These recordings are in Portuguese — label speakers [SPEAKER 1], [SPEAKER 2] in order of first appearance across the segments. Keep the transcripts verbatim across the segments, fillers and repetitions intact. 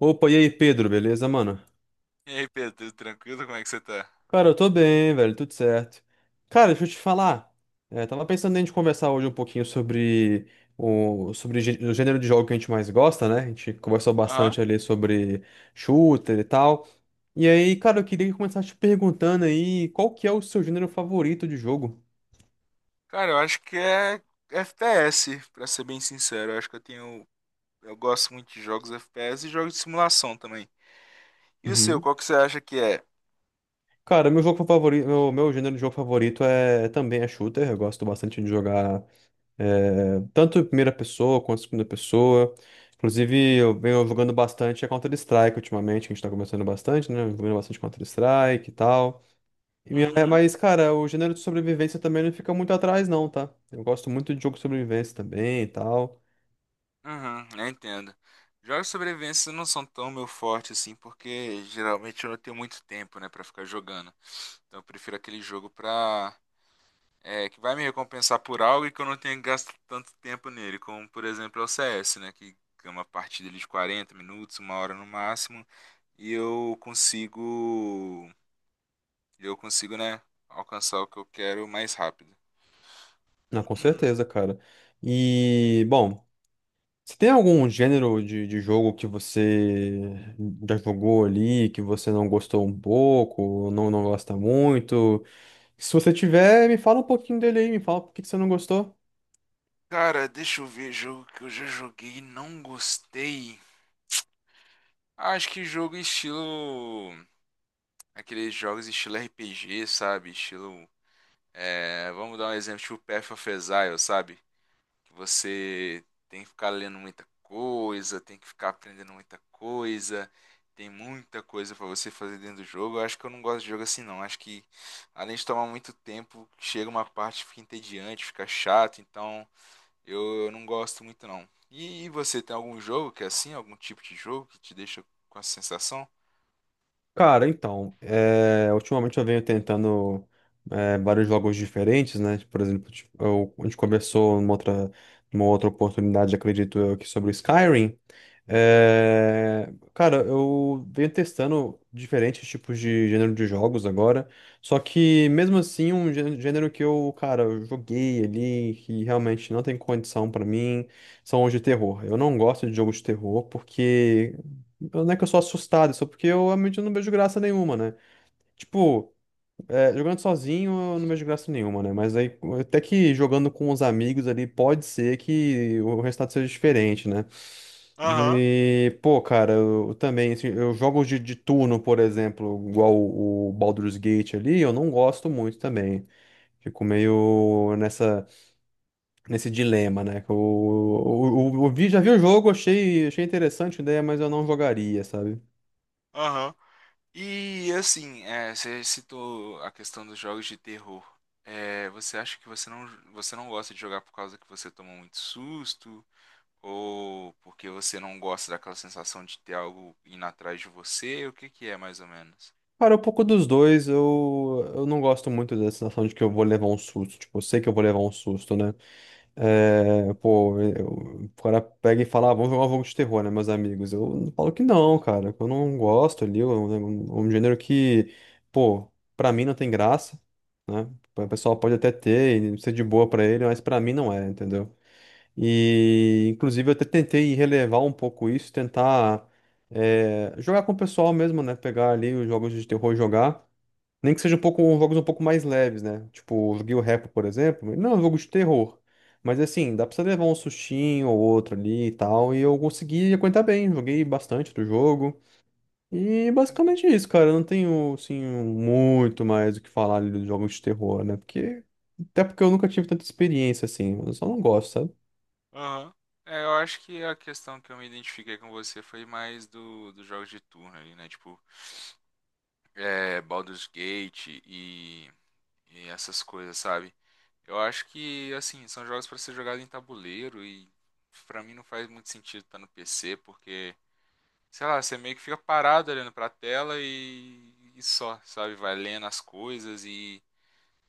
[SPEAKER 1] Opa, e aí, Pedro, beleza, mano?
[SPEAKER 2] E aí, Pedro, tudo tranquilo? Como é que você tá?
[SPEAKER 1] Cara, eu tô bem, velho, tudo certo. Cara, deixa eu te falar. É, tava pensando em a gente conversar hoje um pouquinho sobre o, sobre gê- o gênero de jogo que a gente mais gosta, né? A gente conversou
[SPEAKER 2] Aham.
[SPEAKER 1] bastante ali sobre shooter e tal. E aí, cara, eu queria começar te perguntando aí qual que é o seu gênero favorito de jogo?
[SPEAKER 2] Cara, eu acho que é F P S, pra ser bem sincero. Eu acho que eu tenho. Eu gosto muito de jogos F P S e jogos de simulação também. E o seu,
[SPEAKER 1] Uhum.
[SPEAKER 2] qual que você acha que é?
[SPEAKER 1] Cara, meu jogo favorito, meu, meu gênero de jogo favorito é também é shooter. Eu gosto bastante de jogar. É, tanto em primeira pessoa quanto em segunda pessoa. Inclusive, eu venho jogando bastante a Counter-Strike ultimamente, que a gente tá começando bastante, né? Jogando bastante Counter-Strike e tal. E minha- é,
[SPEAKER 2] Uhum,
[SPEAKER 1] mas, cara, o gênero de sobrevivência também não fica muito atrás, não, tá? Eu gosto muito de jogo de sobrevivência também e tal.
[SPEAKER 2] uhum, eu entendo. Jogos de sobrevivência não são tão meu forte assim, porque geralmente eu não tenho muito tempo, né, pra ficar jogando. Então eu prefiro aquele jogo pra é, que vai me recompensar por algo e que eu não tenha gasto tanto tempo nele, como por exemplo é o C S, né? Que é uma partida ali de quarenta minutos, uma hora no máximo, e eu consigo, eu consigo, né, alcançar o que eu quero mais rápido.
[SPEAKER 1] Ah, com certeza, cara. E, bom, se tem algum gênero de, de jogo que você já jogou ali, que você não gostou um pouco, ou não, não gosta muito? Se você tiver, me fala um pouquinho dele aí, me fala por que que você não gostou.
[SPEAKER 2] Cara, deixa eu ver jogo que eu já joguei e não gostei. Acho que jogo estilo. Aqueles jogos estilo R P G, sabe? Estilo. É, vamos dar um exemplo, tipo Path of Exile, sabe? Que você tem que ficar lendo muita coisa, tem que ficar aprendendo muita coisa, tem muita coisa pra você fazer dentro do jogo. Eu acho que eu não gosto de jogo assim não. Acho que além de tomar muito tempo, chega uma parte que fica entediante, fica chato, então eu, eu não gosto muito não. E, e você tem algum jogo que é assim, algum tipo de jogo que te deixa com essa sensação?
[SPEAKER 1] Cara, então, é, ultimamente eu venho tentando é, vários jogos diferentes, né? Por exemplo, tipo, eu- a gente conversou numa outra, numa outra oportunidade, acredito eu, aqui sobre o Skyrim.
[SPEAKER 2] Uhum.
[SPEAKER 1] É, cara, eu venho testando diferentes tipos de gênero de jogos agora, só que mesmo assim, um gê- gênero que eu, cara, eu joguei ali, que realmente não tem condição pra mim, são os de terror. Eu não gosto de jogos de terror porque. Eu- Não é que eu sou assustado, só porque eu realmente não vejo graça nenhuma, né? Tipo, é, jogando sozinho eu não vejo graça nenhuma, né? Mas aí, até que jogando com os amigos ali, pode ser que o resultado seja diferente, né?
[SPEAKER 2] Aham,
[SPEAKER 1] E, pô, cara, eu, eu também, assim, eu jogo de, de turno, por exemplo, igual o, o Baldur's Gate ali, eu não gosto muito também. Fico meio nessa, nesse dilema, né? Que Eu, eu, eu- eu vi, já vi o jogo, achei, achei interessante a ideia, mas eu não jogaria, sabe?
[SPEAKER 2] aham. E assim, é, você citou a questão dos jogos de terror. É, você acha que você não, você não gosta de jogar por causa que você toma muito susto? Ou porque você não gosta daquela sensação de ter algo indo atrás de você? O que que é mais ou menos?
[SPEAKER 1] Cara, um pouco dos dois, eu, eu não gosto muito da sensação de que eu vou levar um susto. Tipo, eu sei que eu vou levar um susto, né?
[SPEAKER 2] Uhum.
[SPEAKER 1] É, pô, eu- o cara pega e fala, ah, vamos jogar um jogo de terror, né, meus amigos? Eu não falo que não, cara. Que Eu não gosto ali, é um, é um um gênero que, pô, pra mim não tem graça, né? O pessoal pode até ter e ser de boa pra ele, mas pra mim não é, entendeu? E, inclusive, eu até tentei relevar um pouco isso, tentar eh, jogar com o pessoal mesmo, né? Pegar ali os jogos de terror e jogar. Nem que seja um pouco, jogos um pouco mais leves, né? Tipo, eu joguei o Repo, por exemplo. Não, é um jogo de terror. Mas assim, dá pra você levar um sustinho ou outro ali e tal. E eu consegui aguentar bem, joguei bastante do jogo. E
[SPEAKER 2] Uhum.
[SPEAKER 1] basicamente é isso, cara. Eu não tenho, assim, muito mais o que falar ali dos jogos de terror, né? Porque. Até porque eu nunca tive tanta experiência assim. Eu só não gosto, sabe?
[SPEAKER 2] Aham. É, eu acho que a questão que eu me identifiquei com você foi mais do, dos jogos de turno ali, né? Tipo, é, Baldur's Gate e, e essas coisas, sabe? Eu acho que, assim, são jogos para ser jogado em tabuleiro e pra mim não faz muito sentido estar no P C, porque, sei lá, você meio que fica parado olhando pra tela e, e só, sabe? Vai lendo as coisas e,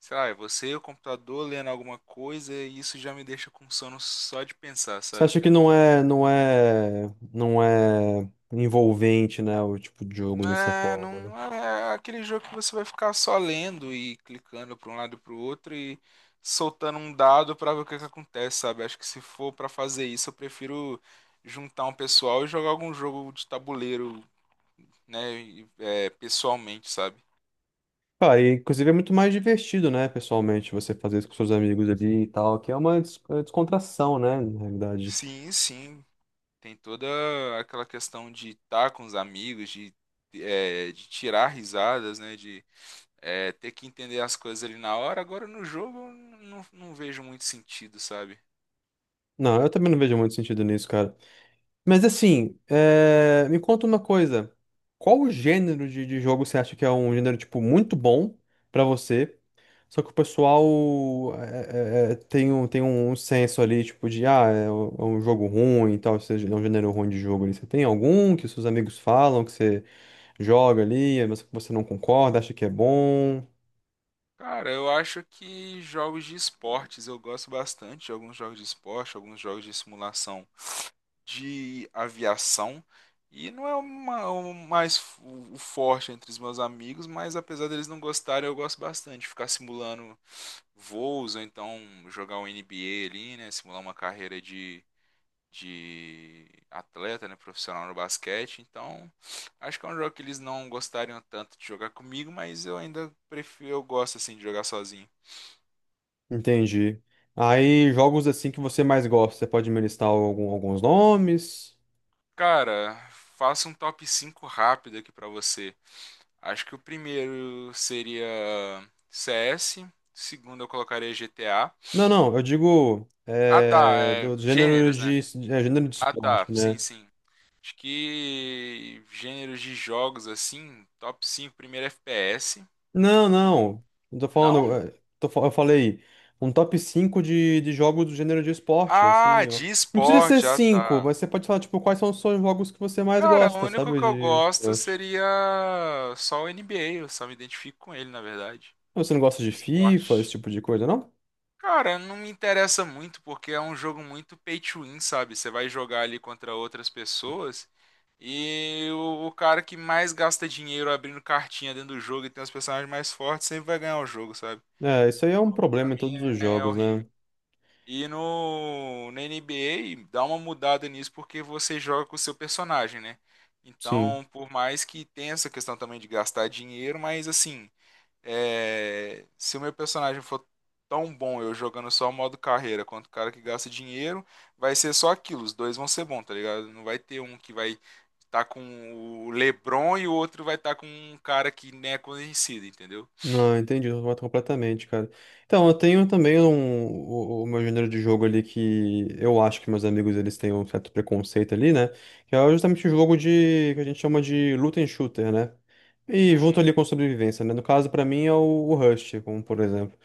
[SPEAKER 2] sei lá, é você e o computador lendo alguma coisa e isso já me deixa com sono só de pensar,
[SPEAKER 1] Você
[SPEAKER 2] sabe,
[SPEAKER 1] acha que
[SPEAKER 2] cara?
[SPEAKER 1] não é, não é, não é envolvente, né, o tipo de jogo dessa
[SPEAKER 2] É,
[SPEAKER 1] forma, né?
[SPEAKER 2] não é aquele jogo que você vai ficar só lendo e clicando para um lado e para o outro e soltando um dado para ver o que que acontece, sabe? Acho que se for para fazer isso, eu prefiro juntar um pessoal e jogar algum jogo de tabuleiro, né, e, é, pessoalmente, sabe?
[SPEAKER 1] Cara, e, inclusive é muito mais divertido, né, pessoalmente, você fazer isso com seus amigos ali e tal, que é uma des- é descontração, né, na realidade.
[SPEAKER 2] Sim, sim, tem toda aquela questão de estar com os amigos, de, é, de tirar risadas, né, de é, ter que entender as coisas ali na hora. Agora no jogo eu não, não vejo muito sentido, sabe?
[SPEAKER 1] Não, eu também não vejo muito sentido nisso, cara. Mas assim, é, me conta uma coisa. Qual o gênero de, de jogo você acha que é um gênero, tipo, muito bom pra você? Só que o pessoal é, é, é, tem um, tem um senso ali, tipo, de, ah, é um é um jogo ruim e tal, ou seja, é um gênero ruim de jogo ali. Você tem algum que os seus amigos falam, que você joga ali, mas que você não concorda, acha que é bom?
[SPEAKER 2] Cara, eu acho que jogos de esportes, eu gosto bastante de alguns jogos de esporte, alguns jogos de simulação de aviação. E não é uma- o mais f- o forte entre os meus amigos, mas apesar deles não gostarem, eu gosto bastante de ficar simulando voos, ou então jogar um N B A ali, né? Simular uma carreira de, de atleta, né? Profissional no basquete. Então, acho que é um jogo que eles não gostariam tanto de jogar comigo, mas eu ainda prefiro, eu gosto assim de jogar sozinho.
[SPEAKER 1] Entendi. Aí, jogos assim que você mais gosta, você pode me listar algum- alguns nomes?
[SPEAKER 2] Cara, faço um top cinco rápido aqui pra você. Acho que o primeiro seria C S, o segundo eu colocaria G T A.
[SPEAKER 1] Não, não, eu digo
[SPEAKER 2] Ah, tá,
[SPEAKER 1] é,
[SPEAKER 2] é,
[SPEAKER 1] do gênero
[SPEAKER 2] gêneros, né?
[SPEAKER 1] de, é, gênero de
[SPEAKER 2] Ah, tá,
[SPEAKER 1] esporte,
[SPEAKER 2] sim,
[SPEAKER 1] né?
[SPEAKER 2] sim. Acho que gêneros de jogos assim, top cinco, primeiro F P S.
[SPEAKER 1] Não, não. Não tô falando.
[SPEAKER 2] Não?
[SPEAKER 1] É, tô fa- eu falei um top cinco de, de jogos do gênero de esporte, assim.
[SPEAKER 2] Ah,
[SPEAKER 1] eu-
[SPEAKER 2] de
[SPEAKER 1] não precisa ser
[SPEAKER 2] esporte, ah,
[SPEAKER 1] cinco,
[SPEAKER 2] tá.
[SPEAKER 1] mas você pode falar, tipo, quais são os seus jogos que você mais
[SPEAKER 2] Cara, o
[SPEAKER 1] gosta,
[SPEAKER 2] único
[SPEAKER 1] sabe?
[SPEAKER 2] que eu
[SPEAKER 1] De
[SPEAKER 2] gosto
[SPEAKER 1] esporte.
[SPEAKER 2] seria só o N B A, eu só me identifico com ele, na verdade.
[SPEAKER 1] Você não gosta de FIFA, esse
[SPEAKER 2] Esporte.
[SPEAKER 1] tipo de coisa, não?
[SPEAKER 2] Cara, não me interessa muito porque é um jogo muito pay to win, sabe? Você vai jogar ali contra outras pessoas e o, o cara que mais gasta dinheiro abrindo cartinha dentro do jogo e tem os personagens mais fortes sempre vai ganhar o jogo, sabe?
[SPEAKER 1] É, isso aí é um
[SPEAKER 2] Pra
[SPEAKER 1] problema em
[SPEAKER 2] mim
[SPEAKER 1] todos os
[SPEAKER 2] é, é
[SPEAKER 1] jogos, né?
[SPEAKER 2] horrível. E no, na N B A dá uma mudada nisso porque você joga com o seu personagem, né?
[SPEAKER 1] Sim.
[SPEAKER 2] Então, por mais que tenha essa questão também de gastar dinheiro, mas assim. É, se o meu personagem for tão bom eu jogando só o modo carreira quanto o cara que gasta dinheiro, vai ser só aquilo. Os dois vão ser bons, tá ligado? Não vai ter um que vai estar com o LeBron e o outro vai estar com um cara que nem é conhecido, entendeu?
[SPEAKER 1] Não, entendi, eu mato completamente, cara. Então, eu tenho também um, o, o meu gênero de jogo ali que eu acho que meus amigos eles têm um certo preconceito ali, né? Que é justamente o jogo de que a gente chama de loot and shooter, né? E junto
[SPEAKER 2] Uhum,
[SPEAKER 1] ali com sobrevivência, né? No caso, pra mim é o, o Rust, como por exemplo.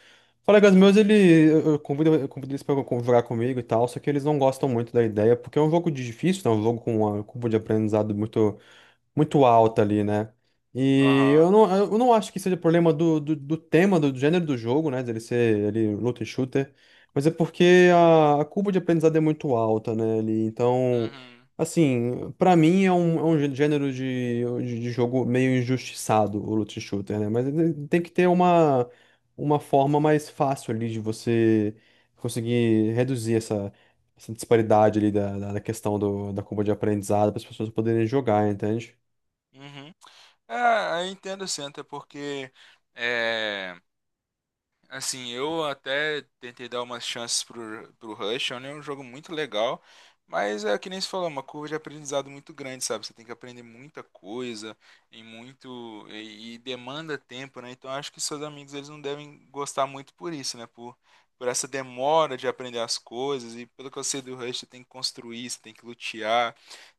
[SPEAKER 1] Colegas meus,
[SPEAKER 2] uhum,
[SPEAKER 1] ele, eu eu convido, eu convido eles pra co- jogar comigo e tal, só que eles não gostam muito da ideia, porque é um jogo de difícil, né? Um jogo com uma curva de aprendizado muito muito alta ali, né? E
[SPEAKER 2] aham,
[SPEAKER 1] eu não, eu não acho que seja problema do, do, do tema, do, do gênero do jogo, né? Dele ser ele luta e shooter. Mas é porque a, a curva de aprendizado é muito alta, né? Ali, então,
[SPEAKER 2] uhum,
[SPEAKER 1] assim, pra mim é um, é um gê- gênero de, de, de jogo meio injustiçado, o luta e shooter, né? Mas ele tem que ter uma, uma forma mais fácil ali de você conseguir reduzir essa essa disparidade ali da, da, da questão do, da curva de aprendizado para as pessoas poderem jogar, entende?
[SPEAKER 2] uhum. É, eu entendo sim, até porque. É, assim, eu até tentei dar umas chances pro, pro Rush, é um jogo muito legal, mas é que nem se falou, é uma curva de aprendizado muito grande, sabe? Você tem que aprender muita coisa e muito e, e demanda tempo, né? Então eu acho que seus amigos eles não devem gostar muito por isso, né? Por, por essa demora de aprender as coisas e pelo que eu sei do Rush, você tem que construir, você tem que lutear,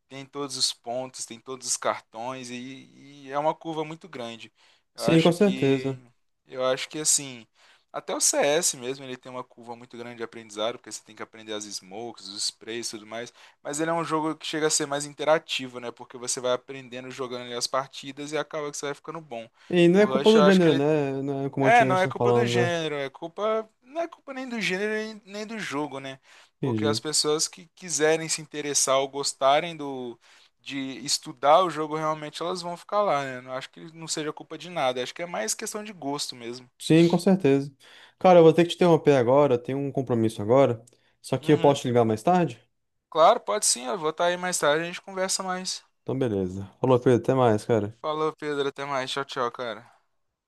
[SPEAKER 2] tem todos os pontos, tem todos os cartões e, e é uma curva muito grande. Eu
[SPEAKER 1] Sim, com
[SPEAKER 2] acho que
[SPEAKER 1] certeza.
[SPEAKER 2] eu acho que assim, até o C S mesmo, ele tem uma curva muito grande de aprendizado, porque você tem que aprender as smokes, os sprays e tudo mais, mas ele é um jogo que chega a ser mais interativo, né? Porque você vai aprendendo jogando ali as partidas e acaba que você vai ficando bom.
[SPEAKER 1] E não
[SPEAKER 2] O
[SPEAKER 1] é culpa
[SPEAKER 2] Rush,
[SPEAKER 1] do
[SPEAKER 2] eu acho que
[SPEAKER 1] gênero,
[SPEAKER 2] ele
[SPEAKER 1] né? Não é como a
[SPEAKER 2] é,
[SPEAKER 1] gente
[SPEAKER 2] não é
[SPEAKER 1] está
[SPEAKER 2] culpa do
[SPEAKER 1] falando, né?
[SPEAKER 2] gênero, é culpa, não é culpa nem do gênero nem nem do jogo, né? Porque as
[SPEAKER 1] Entendi.
[SPEAKER 2] pessoas que quiserem se interessar ou gostarem do de estudar o jogo realmente elas vão ficar lá, né? Não acho que não seja culpa de nada, acho que é mais questão de gosto mesmo.
[SPEAKER 1] Sim, com certeza. Cara, eu vou ter que te interromper agora, eu tenho um compromisso agora. Só que eu
[SPEAKER 2] Uhum.
[SPEAKER 1] posso te ligar mais tarde?
[SPEAKER 2] Claro, pode sim, eu vou estar aí mais tarde, a gente conversa mais.
[SPEAKER 1] Então, beleza. Falou, Pedro, até mais, cara.
[SPEAKER 2] Falou, Pedro, até mais. Tchau, tchau, cara.